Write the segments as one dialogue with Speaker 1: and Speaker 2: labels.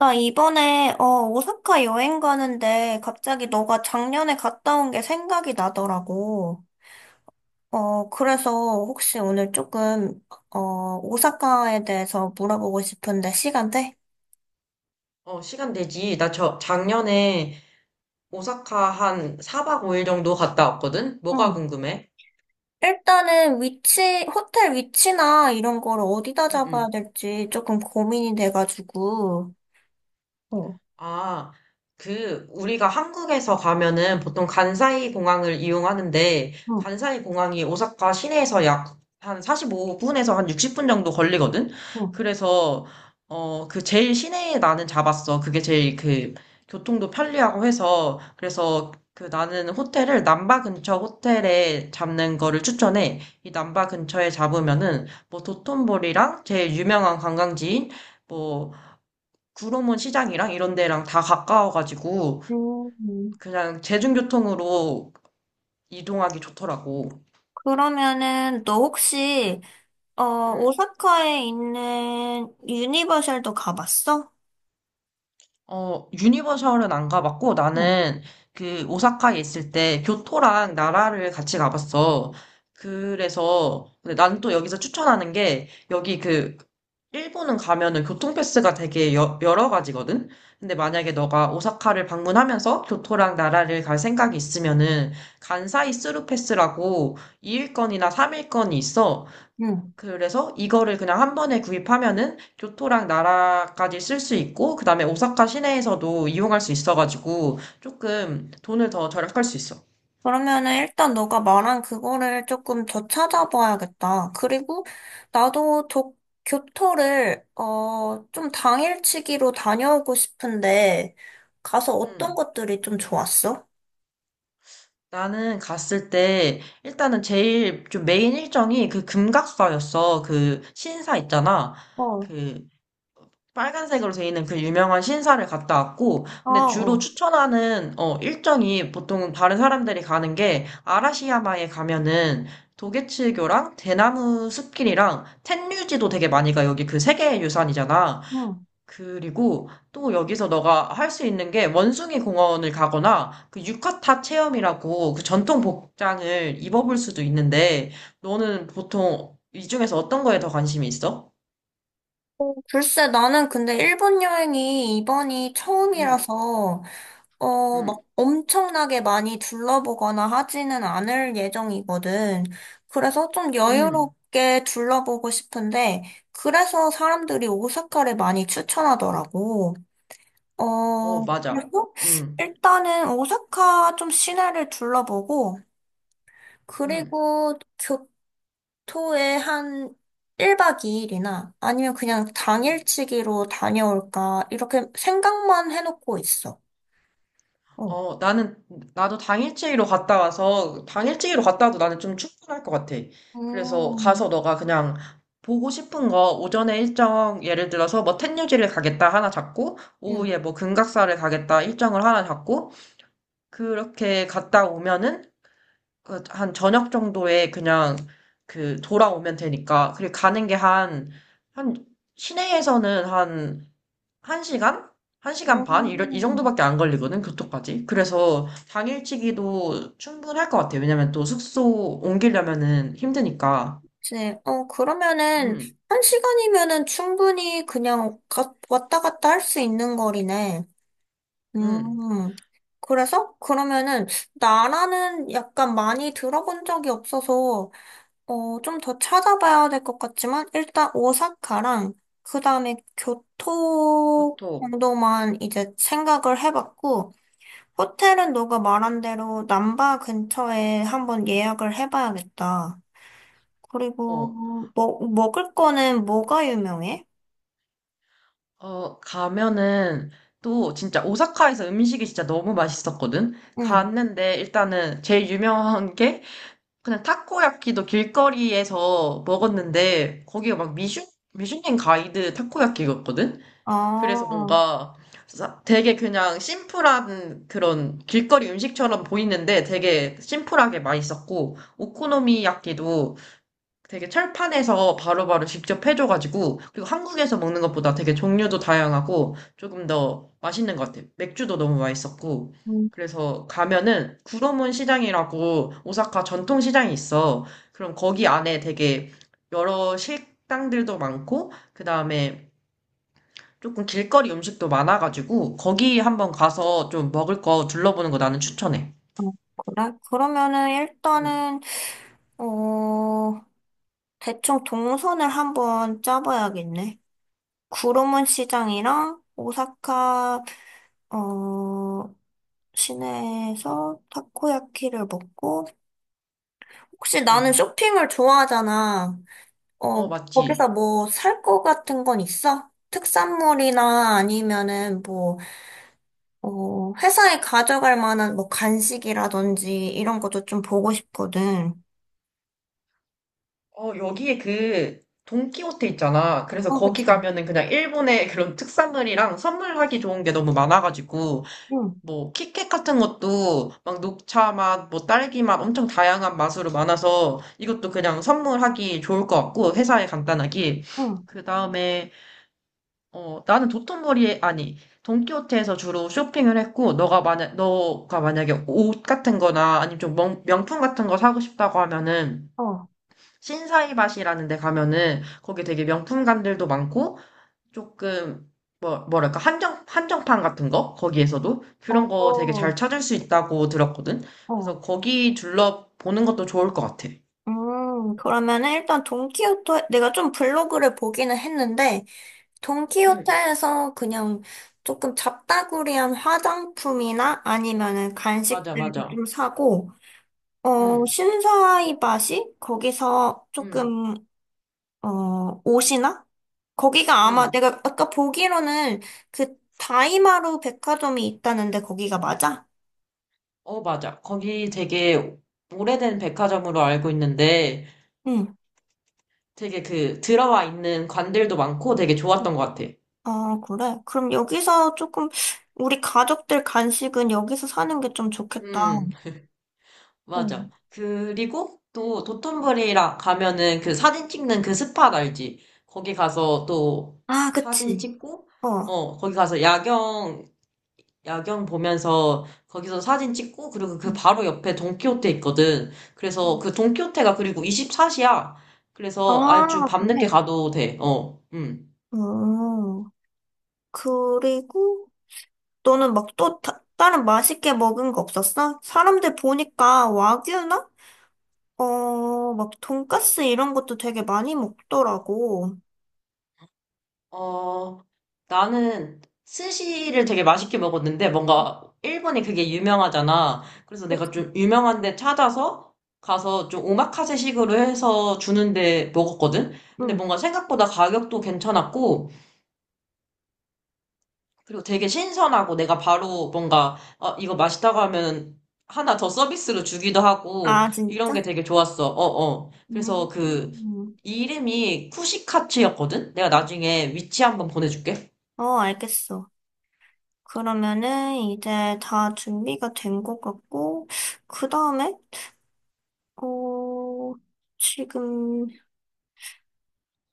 Speaker 1: 나 이번에, 오사카 여행 가는데 갑자기 너가 작년에 갔다 온 게 생각이 나더라고. 그래서 혹시 오늘 조금, 오사카에 대해서 물어보고 싶은데 시간 돼?
Speaker 2: 시간 되지. 나 작년에 오사카 한 4박 5일 정도 갔다 왔거든? 뭐가
Speaker 1: 응.
Speaker 2: 궁금해?
Speaker 1: 일단은 위치, 호텔 위치나 이런 거를 어디다
Speaker 2: 응,
Speaker 1: 잡아야
Speaker 2: 응.
Speaker 1: 될지 조금 고민이 돼가지고. 어,
Speaker 2: 아, 그, 우리가 한국에서 가면은 보통 간사이 공항을 이용하는데,
Speaker 1: 응,
Speaker 2: 간사이 공항이 오사카 시내에서 약 한 45분에서 한 60분 정도 걸리거든?
Speaker 1: 응.
Speaker 2: 그래서, 그 제일 시내에 나는 잡았어. 그게 제일 그, 교통도 편리하고 해서, 그래서 그 나는 호텔을 남바 근처 호텔에 잡는 거를 추천해. 이 남바 근처에 잡으면은, 뭐 도톤보리랑 제일 유명한 관광지인, 뭐 구로문 시장이랑 이런 데랑 다 가까워가지고
Speaker 1: 음,
Speaker 2: 그냥 대중교통으로 이동하기 좋더라고.
Speaker 1: 그러면은 너 혹시, 어,
Speaker 2: 응.
Speaker 1: 오사카에 있는 유니버셜도 가봤어?
Speaker 2: 유니버셜은 안 가봤고,
Speaker 1: 응.
Speaker 2: 나는 그 오사카에 있을 때 교토랑 나라를 같이 가봤어. 그래서, 근데 나는 또 여기서 추천하는 게, 여기 그, 일본은 가면은 교통패스가 되게 여러 가지거든? 근데 만약에 너가 오사카를 방문하면서 교토랑 나라를 갈 생각이 있으면은, 간사이 스루 패스라고 2일권이나 3일권이 있어.
Speaker 1: 응.
Speaker 2: 그래서 이거를 그냥 한 번에 구입하면은 교토랑 나라까지 쓸 수 있고, 그 다음에 오사카 시내에서도 이용할 수 있어가지고, 조금 돈을 더 절약할 수 있어.
Speaker 1: 그러면은 일단 너가 말한 그거를 조금 더 찾아봐야겠다. 그리고 나도 교토를 좀 당일치기로 다녀오고 싶은데 가서 어떤
Speaker 2: 음,
Speaker 1: 것들이 좀 좋았어?
Speaker 2: 나는 갔을 때, 일단은 제일 좀 메인 일정이 그 금각사였어. 그 신사 있잖아.
Speaker 1: 어,
Speaker 2: 그 빨간색으로 돼 있는 그 유명한 신사를 갔다 왔고,
Speaker 1: 아,
Speaker 2: 근데 주로
Speaker 1: 어.
Speaker 2: 추천하는, 어, 일정이 보통 다른 사람들이 가는 게, 아라시야마에 가면은, 도게츠교랑 대나무 숲길이랑 텐류지도 되게 많이 가. 여기 그 세계 유산이잖아.
Speaker 1: 응.
Speaker 2: 그리고 또 여기서 너가 할 수 있는 게 원숭이 공원을 가거나 그 유카타 체험이라고 그 전통 복장을 입어볼 수도 있는데 너는 보통 이 중에서 어떤 거에 더 관심이 있어?
Speaker 1: 글쎄, 나는 근데 일본 여행이 이번이
Speaker 2: 음,
Speaker 1: 처음이라서
Speaker 2: 음,
Speaker 1: 막 엄청나게 많이 둘러보거나 하지는 않을 예정이거든. 그래서 좀
Speaker 2: 음.
Speaker 1: 여유롭게 둘러보고 싶은데, 그래서 사람들이 오사카를 많이 추천하더라고.
Speaker 2: 어, 맞아.
Speaker 1: 그리고
Speaker 2: 응,
Speaker 1: 일단은 오사카 좀 시내를 둘러보고,
Speaker 2: 응,
Speaker 1: 그리고 교토에 한 1박 2일이나 아니면 그냥
Speaker 2: 응.
Speaker 1: 당일치기로 다녀올까, 이렇게 생각만 해놓고 있어. 어.
Speaker 2: 어, 나는, 나도 당일치기로 갔다 와서, 당일치기로 갔다 와도 나는 좀 충분할 것 같아. 그래서
Speaker 1: 음.
Speaker 2: 가서 너가 그냥 보고 싶은 거, 오전에 일정, 예를 들어서 뭐 텐유지를 가겠다 하나 잡고,
Speaker 1: 음.
Speaker 2: 오후에 뭐 금각사를 가겠다 일정을 하나 잡고, 그렇게 갔다 오면은, 그한 저녁 정도에 그냥 그 돌아오면 되니까, 그리고 가는 게 한, 시내에서는 한 1시간? 1시간 반? 이
Speaker 1: 음,
Speaker 2: 정도밖에 안 걸리거든, 교토까지. 그래서 당일치기도 충분할 것 같아. 왜냐면 또 숙소 옮기려면은 힘드니까.
Speaker 1: 이제, 그러면은,
Speaker 2: 음,
Speaker 1: 한 시간이면은 충분히 그냥 왔다 갔다 할 수 있는 거리네.
Speaker 2: 음,
Speaker 1: 음, 그래서? 그러면은, 나라는 약간 많이 들어본 적이 없어서, 좀 더 찾아봐야 될 것 같지만, 일단 오사카랑, 그 다음에 교토
Speaker 2: 교토.
Speaker 1: 정도만 이제 생각을 해봤고, 호텔은 너가 말한 대로 남바 근처에 한번 예약을 해봐야겠다.
Speaker 2: 어,
Speaker 1: 그리고 먹 먹을 거는 뭐가 유명해?
Speaker 2: 가면은 또 진짜 오사카에서 음식이 진짜 너무 맛있었거든?
Speaker 1: 응.
Speaker 2: 갔는데 일단은 제일 유명한 게 그냥 타코야키도 길거리에서 먹었는데 거기가 막 미슐랭 가이드 타코야키였거든?
Speaker 1: 아,
Speaker 2: 그래서 뭔가 되게 그냥 심플한 그런 길거리 음식처럼 보이는데 되게 심플하게 맛있었고, 오코노미야끼도 되게 철판에서 바로바로 직접 해줘가지고, 그리고 한국에서 먹는 것보다 되게 종류도 다양하고, 조금 더 맛있는 것 같아요. 맥주도 너무 맛있었고,
Speaker 1: 음,
Speaker 2: 그래서 가면은 구로문 시장이라고 오사카 전통 시장이 있어. 그럼 거기 안에 되게 여러 식당들도 많고, 그 다음에 조금 길거리 음식도 많아가지고 거기 한번 가서 좀 먹을 거 둘러보는 거 나는 추천해.
Speaker 1: 어, 그래? 그러면은
Speaker 2: 음,
Speaker 1: 일단은 어 대충 동선을 한번 짜봐야겠네. 구로문 시장이랑 오사카 어 시내에서 타코야키를 먹고 혹시 나는
Speaker 2: 음.
Speaker 1: 쇼핑을 좋아하잖아.
Speaker 2: 어, 맞지.
Speaker 1: 거기서 뭐 살 거 같은 건 있어? 특산물이나 아니면은 뭐 회사에 가져갈 만한 뭐 간식이라든지 이런 것도 좀 보고 싶거든.
Speaker 2: 여기에 그 돈키호테 있잖아. 그래서
Speaker 1: 어,
Speaker 2: 거기
Speaker 1: 그치.
Speaker 2: 가면은 그냥 일본의 그런 특산물이랑 선물하기 좋은 게 너무 많아가지고
Speaker 1: 응,
Speaker 2: 뭐 키캣 같은 것도 막 녹차 맛, 뭐 딸기 맛 엄청 다양한 맛으로 많아서 이것도 그냥 선물하기 좋을 것 같고 회사에 간단하게
Speaker 1: 응,
Speaker 2: 그 다음에 나는 도톤보리에, 아니, 돈키호테에서 주로 쇼핑을 했고, 너가 만약에 옷 같은 거나 아니면 좀 명품 같은 거 사고 싶다고 하면은,
Speaker 1: 어,
Speaker 2: 신사이밭이라는 데 가면은, 거기 되게 명품관들도 많고, 조금, 뭐, 뭐랄까, 한정판 같은 거? 거기에서도? 그런 거 되게 잘
Speaker 1: 어,
Speaker 2: 찾을 수 있다고 들었거든?
Speaker 1: 어.
Speaker 2: 그래서 거기 둘러보는 것도 좋을 것 같아.
Speaker 1: 그러면은 일단 돈키호테, 내가 좀 블로그를 보기는 했는데,
Speaker 2: 응,
Speaker 1: 돈키호테에서 그냥 조금 잡다구리한 화장품이나 아니면은
Speaker 2: 맞아,
Speaker 1: 간식들도
Speaker 2: 맞아.
Speaker 1: 좀 사고,
Speaker 2: 응,
Speaker 1: 신사이바시? 거기서
Speaker 2: 응,
Speaker 1: 조금 옷이나? 거기가 아마
Speaker 2: 응.
Speaker 1: 내가 아까 보기로는 그 다이마루 백화점이 있다는데 거기가 맞아?
Speaker 2: 어, 맞아. 거기 되게 오래된 백화점으로 알고 있는데
Speaker 1: 응.
Speaker 2: 되게 그 들어와 있는 관들도 많고 되게 좋았던 것 같아.
Speaker 1: 아, 그래? 그럼 여기서 조금 우리 가족들 간식은 여기서 사는 게 좀 좋겠다.
Speaker 2: 음,
Speaker 1: 어.
Speaker 2: 맞아. 그리고 또 도톤부리라 가면은 그 사진 찍는 그 스팟 알지? 거기 가서 또
Speaker 1: 아,
Speaker 2: 사진
Speaker 1: 그치.
Speaker 2: 찍고,
Speaker 1: 어.
Speaker 2: 거기 가서 야경 보면서 거기서 사진 찍고, 그리고 그
Speaker 1: 음,
Speaker 2: 바로 옆에 돈키호테 있거든. 그래서
Speaker 1: 음.
Speaker 2: 그 돈키호테가 그리고 24시야. 그래서 아주
Speaker 1: 아,
Speaker 2: 밤늦게
Speaker 1: 그래.
Speaker 2: 가도 돼. 어,
Speaker 1: 음. 그리고 너는 막 또 다른 맛있게 먹은 거 없었어? 사람들 보니까 와규나? 막 돈까스 이런 것도 되게 많이 먹더라고.
Speaker 2: 어, 나는 스시를 되게 맛있게 먹었는데 뭔가 일본이 그게 유명하잖아. 그래서 내가
Speaker 1: 그치?
Speaker 2: 좀 유명한 데 찾아서 가서 좀 오마카세 식으로 해서 주는데 먹었거든? 근데
Speaker 1: 응.
Speaker 2: 뭔가 생각보다 가격도 괜찮았고, 그리고 되게 신선하고 내가 바로 뭔가, 이거 맛있다고 하면 하나 더 서비스로 주기도 하고,
Speaker 1: 아,
Speaker 2: 이런
Speaker 1: 진짜?
Speaker 2: 게 되게 좋았어. 어, 어. 그래서 그,
Speaker 1: 음.
Speaker 2: 이름이 쿠시카츠였거든? 내가 나중에 위치 한번 보내줄게.
Speaker 1: 어, 알겠어. 그러면은 이제 다 준비가 된 것 같고, 그 다음에, 어, 지금,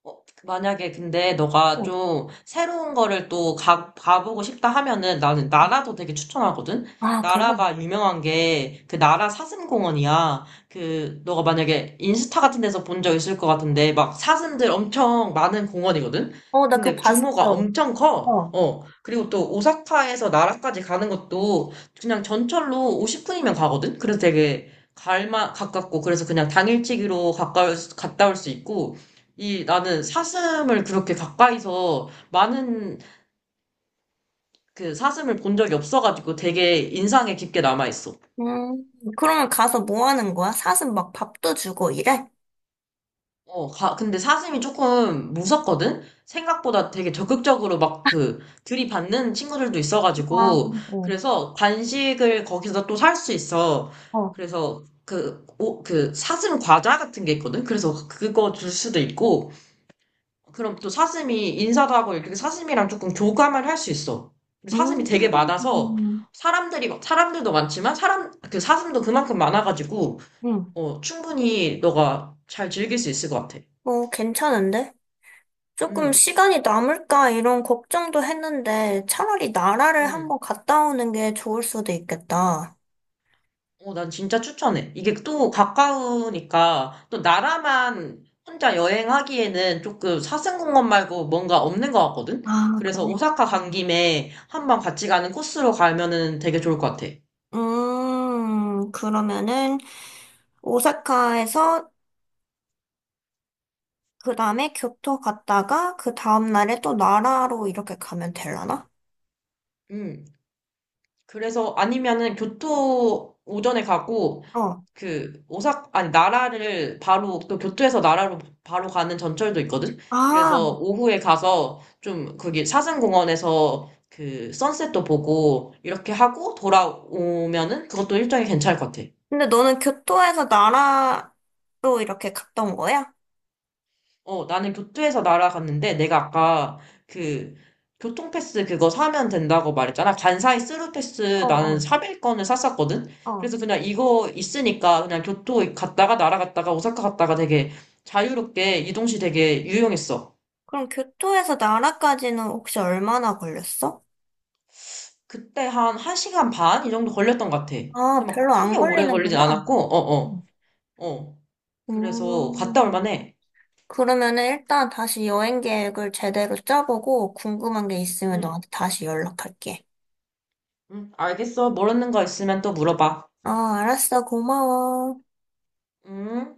Speaker 2: 어, 만약에 근데 너가
Speaker 1: 어.
Speaker 2: 좀 새로운 거를 또 가보고 싶다 하면은 나는 나라도 되게 추천하거든?
Speaker 1: 아, 그래?
Speaker 2: 나라가 유명한 게 그 나라 사슴공원이야. 그, 너가 만약에 인스타 같은 데서 본 적 있을 것 같은데 막 사슴들 엄청 많은 공원이거든?
Speaker 1: 어, 나 그거
Speaker 2: 근데
Speaker 1: 봤어.
Speaker 2: 규모가 엄청 커.
Speaker 1: 어.
Speaker 2: 어. 그리고 또 오사카에서 나라까지 가는 것도 그냥 전철로 50분이면 가거든? 그래서 되게 갈만 가깝고 그래서 그냥 당일치기로 갔다 올 수 있고 이 나는 사슴을 그렇게 가까이서 많은 그 사슴을 본 적이 없어가지고 되게 인상에 깊게 남아있어.
Speaker 1: 음, 그러면 가서 뭐 하는 거야? 사슴 막 밥도 주고 이래?
Speaker 2: 근데 사슴이 조금 무섭거든? 생각보다 되게 적극적으로 막 그 들이받는 친구들도
Speaker 1: 아,
Speaker 2: 있어가지고
Speaker 1: 그래. 어.
Speaker 2: 그래서 간식을 거기서 또 살 수 있어.
Speaker 1: 어.
Speaker 2: 그래서 그, 그 사슴 과자 같은 게 있거든? 그래서 그거 줄 수도 있고 그럼 또 사슴이 인사도 하고 이렇게 사슴이랑 조금 교감을 할 수 있어. 그리고 사슴이 되게 많아서
Speaker 1: 음,
Speaker 2: 사람들이 사람들도 많지만 사람 그 사슴도 그만큼 많아가지고
Speaker 1: 응.
Speaker 2: 충분히 너가 잘 즐길 수 있을 것 같아.
Speaker 1: 어, 괜찮은데? 조금
Speaker 2: 음,
Speaker 1: 시간이 남을까 이런 걱정도 했는데 차라리 나라를
Speaker 2: 음.
Speaker 1: 한번 갔다 오는 게 좋을 수도 있겠다.
Speaker 2: 난 진짜 추천해. 이게 또 가까우니까 또 나라만 혼자 여행하기에는 조금 사슴공원 말고 뭔가 없는 것 같거든.
Speaker 1: 아,
Speaker 2: 그래서
Speaker 1: 그래.
Speaker 2: 오사카 간
Speaker 1: 음.
Speaker 2: 김에 한번 같이 가는 코스로 가면은 되게 좋을 것 같아.
Speaker 1: 그러면은 오사카에서 그 다음에 교토 갔다가 그 다음 날에 또 나라로 이렇게 가면 되려나?
Speaker 2: 음. 그래서 아니면은 교토 오전에 가고
Speaker 1: 어.
Speaker 2: 그 오사 아니 나라를 바로 그 교토에서 나라로 바로 가는 전철도 있거든.
Speaker 1: 아,
Speaker 2: 그래서 오후에 가서 좀 거기 사슴공원에서 그 선셋도 보고 이렇게 하고 돌아오면은 그것도 일정이 괜찮을 것 같아.
Speaker 1: 근데 너는 교토에서 나라로 이렇게 갔던 거야?
Speaker 2: 나는 교토에서 날아갔는데, 내가 아까 그 교통패스 그거 사면 된다고 말했잖아. 간사이
Speaker 1: 어,
Speaker 2: 스루패스 나는
Speaker 1: 어.
Speaker 2: 3일권을 샀었거든.
Speaker 1: 어.
Speaker 2: 그래서 그냥 이거 있으니까 그냥 교토 갔다가 날아갔다가 오사카 갔다가 되게 자유롭게 이동시 되게 유용했어.
Speaker 1: 그럼 교토에서 나라까지는 혹시 얼마나 걸렸어?
Speaker 2: 그때 한 1시간 반? 이 정도 걸렸던 것 같아. 근데
Speaker 1: 아,
Speaker 2: 막
Speaker 1: 별로 안
Speaker 2: 크게 오래 걸리진
Speaker 1: 걸리는구나.
Speaker 2: 않았고, 어, 어, 어. 그래서 갔다 올
Speaker 1: 음,
Speaker 2: 만해.
Speaker 1: 그러면은 일단 다시 여행 계획을 제대로 짜보고 궁금한 게 있으면
Speaker 2: 응,
Speaker 1: 너한테 다시 연락할게.
Speaker 2: 응, 알겠어. 모르는 거 있으면 또 물어봐.
Speaker 1: 아, 알았어. 고마워.
Speaker 2: 응?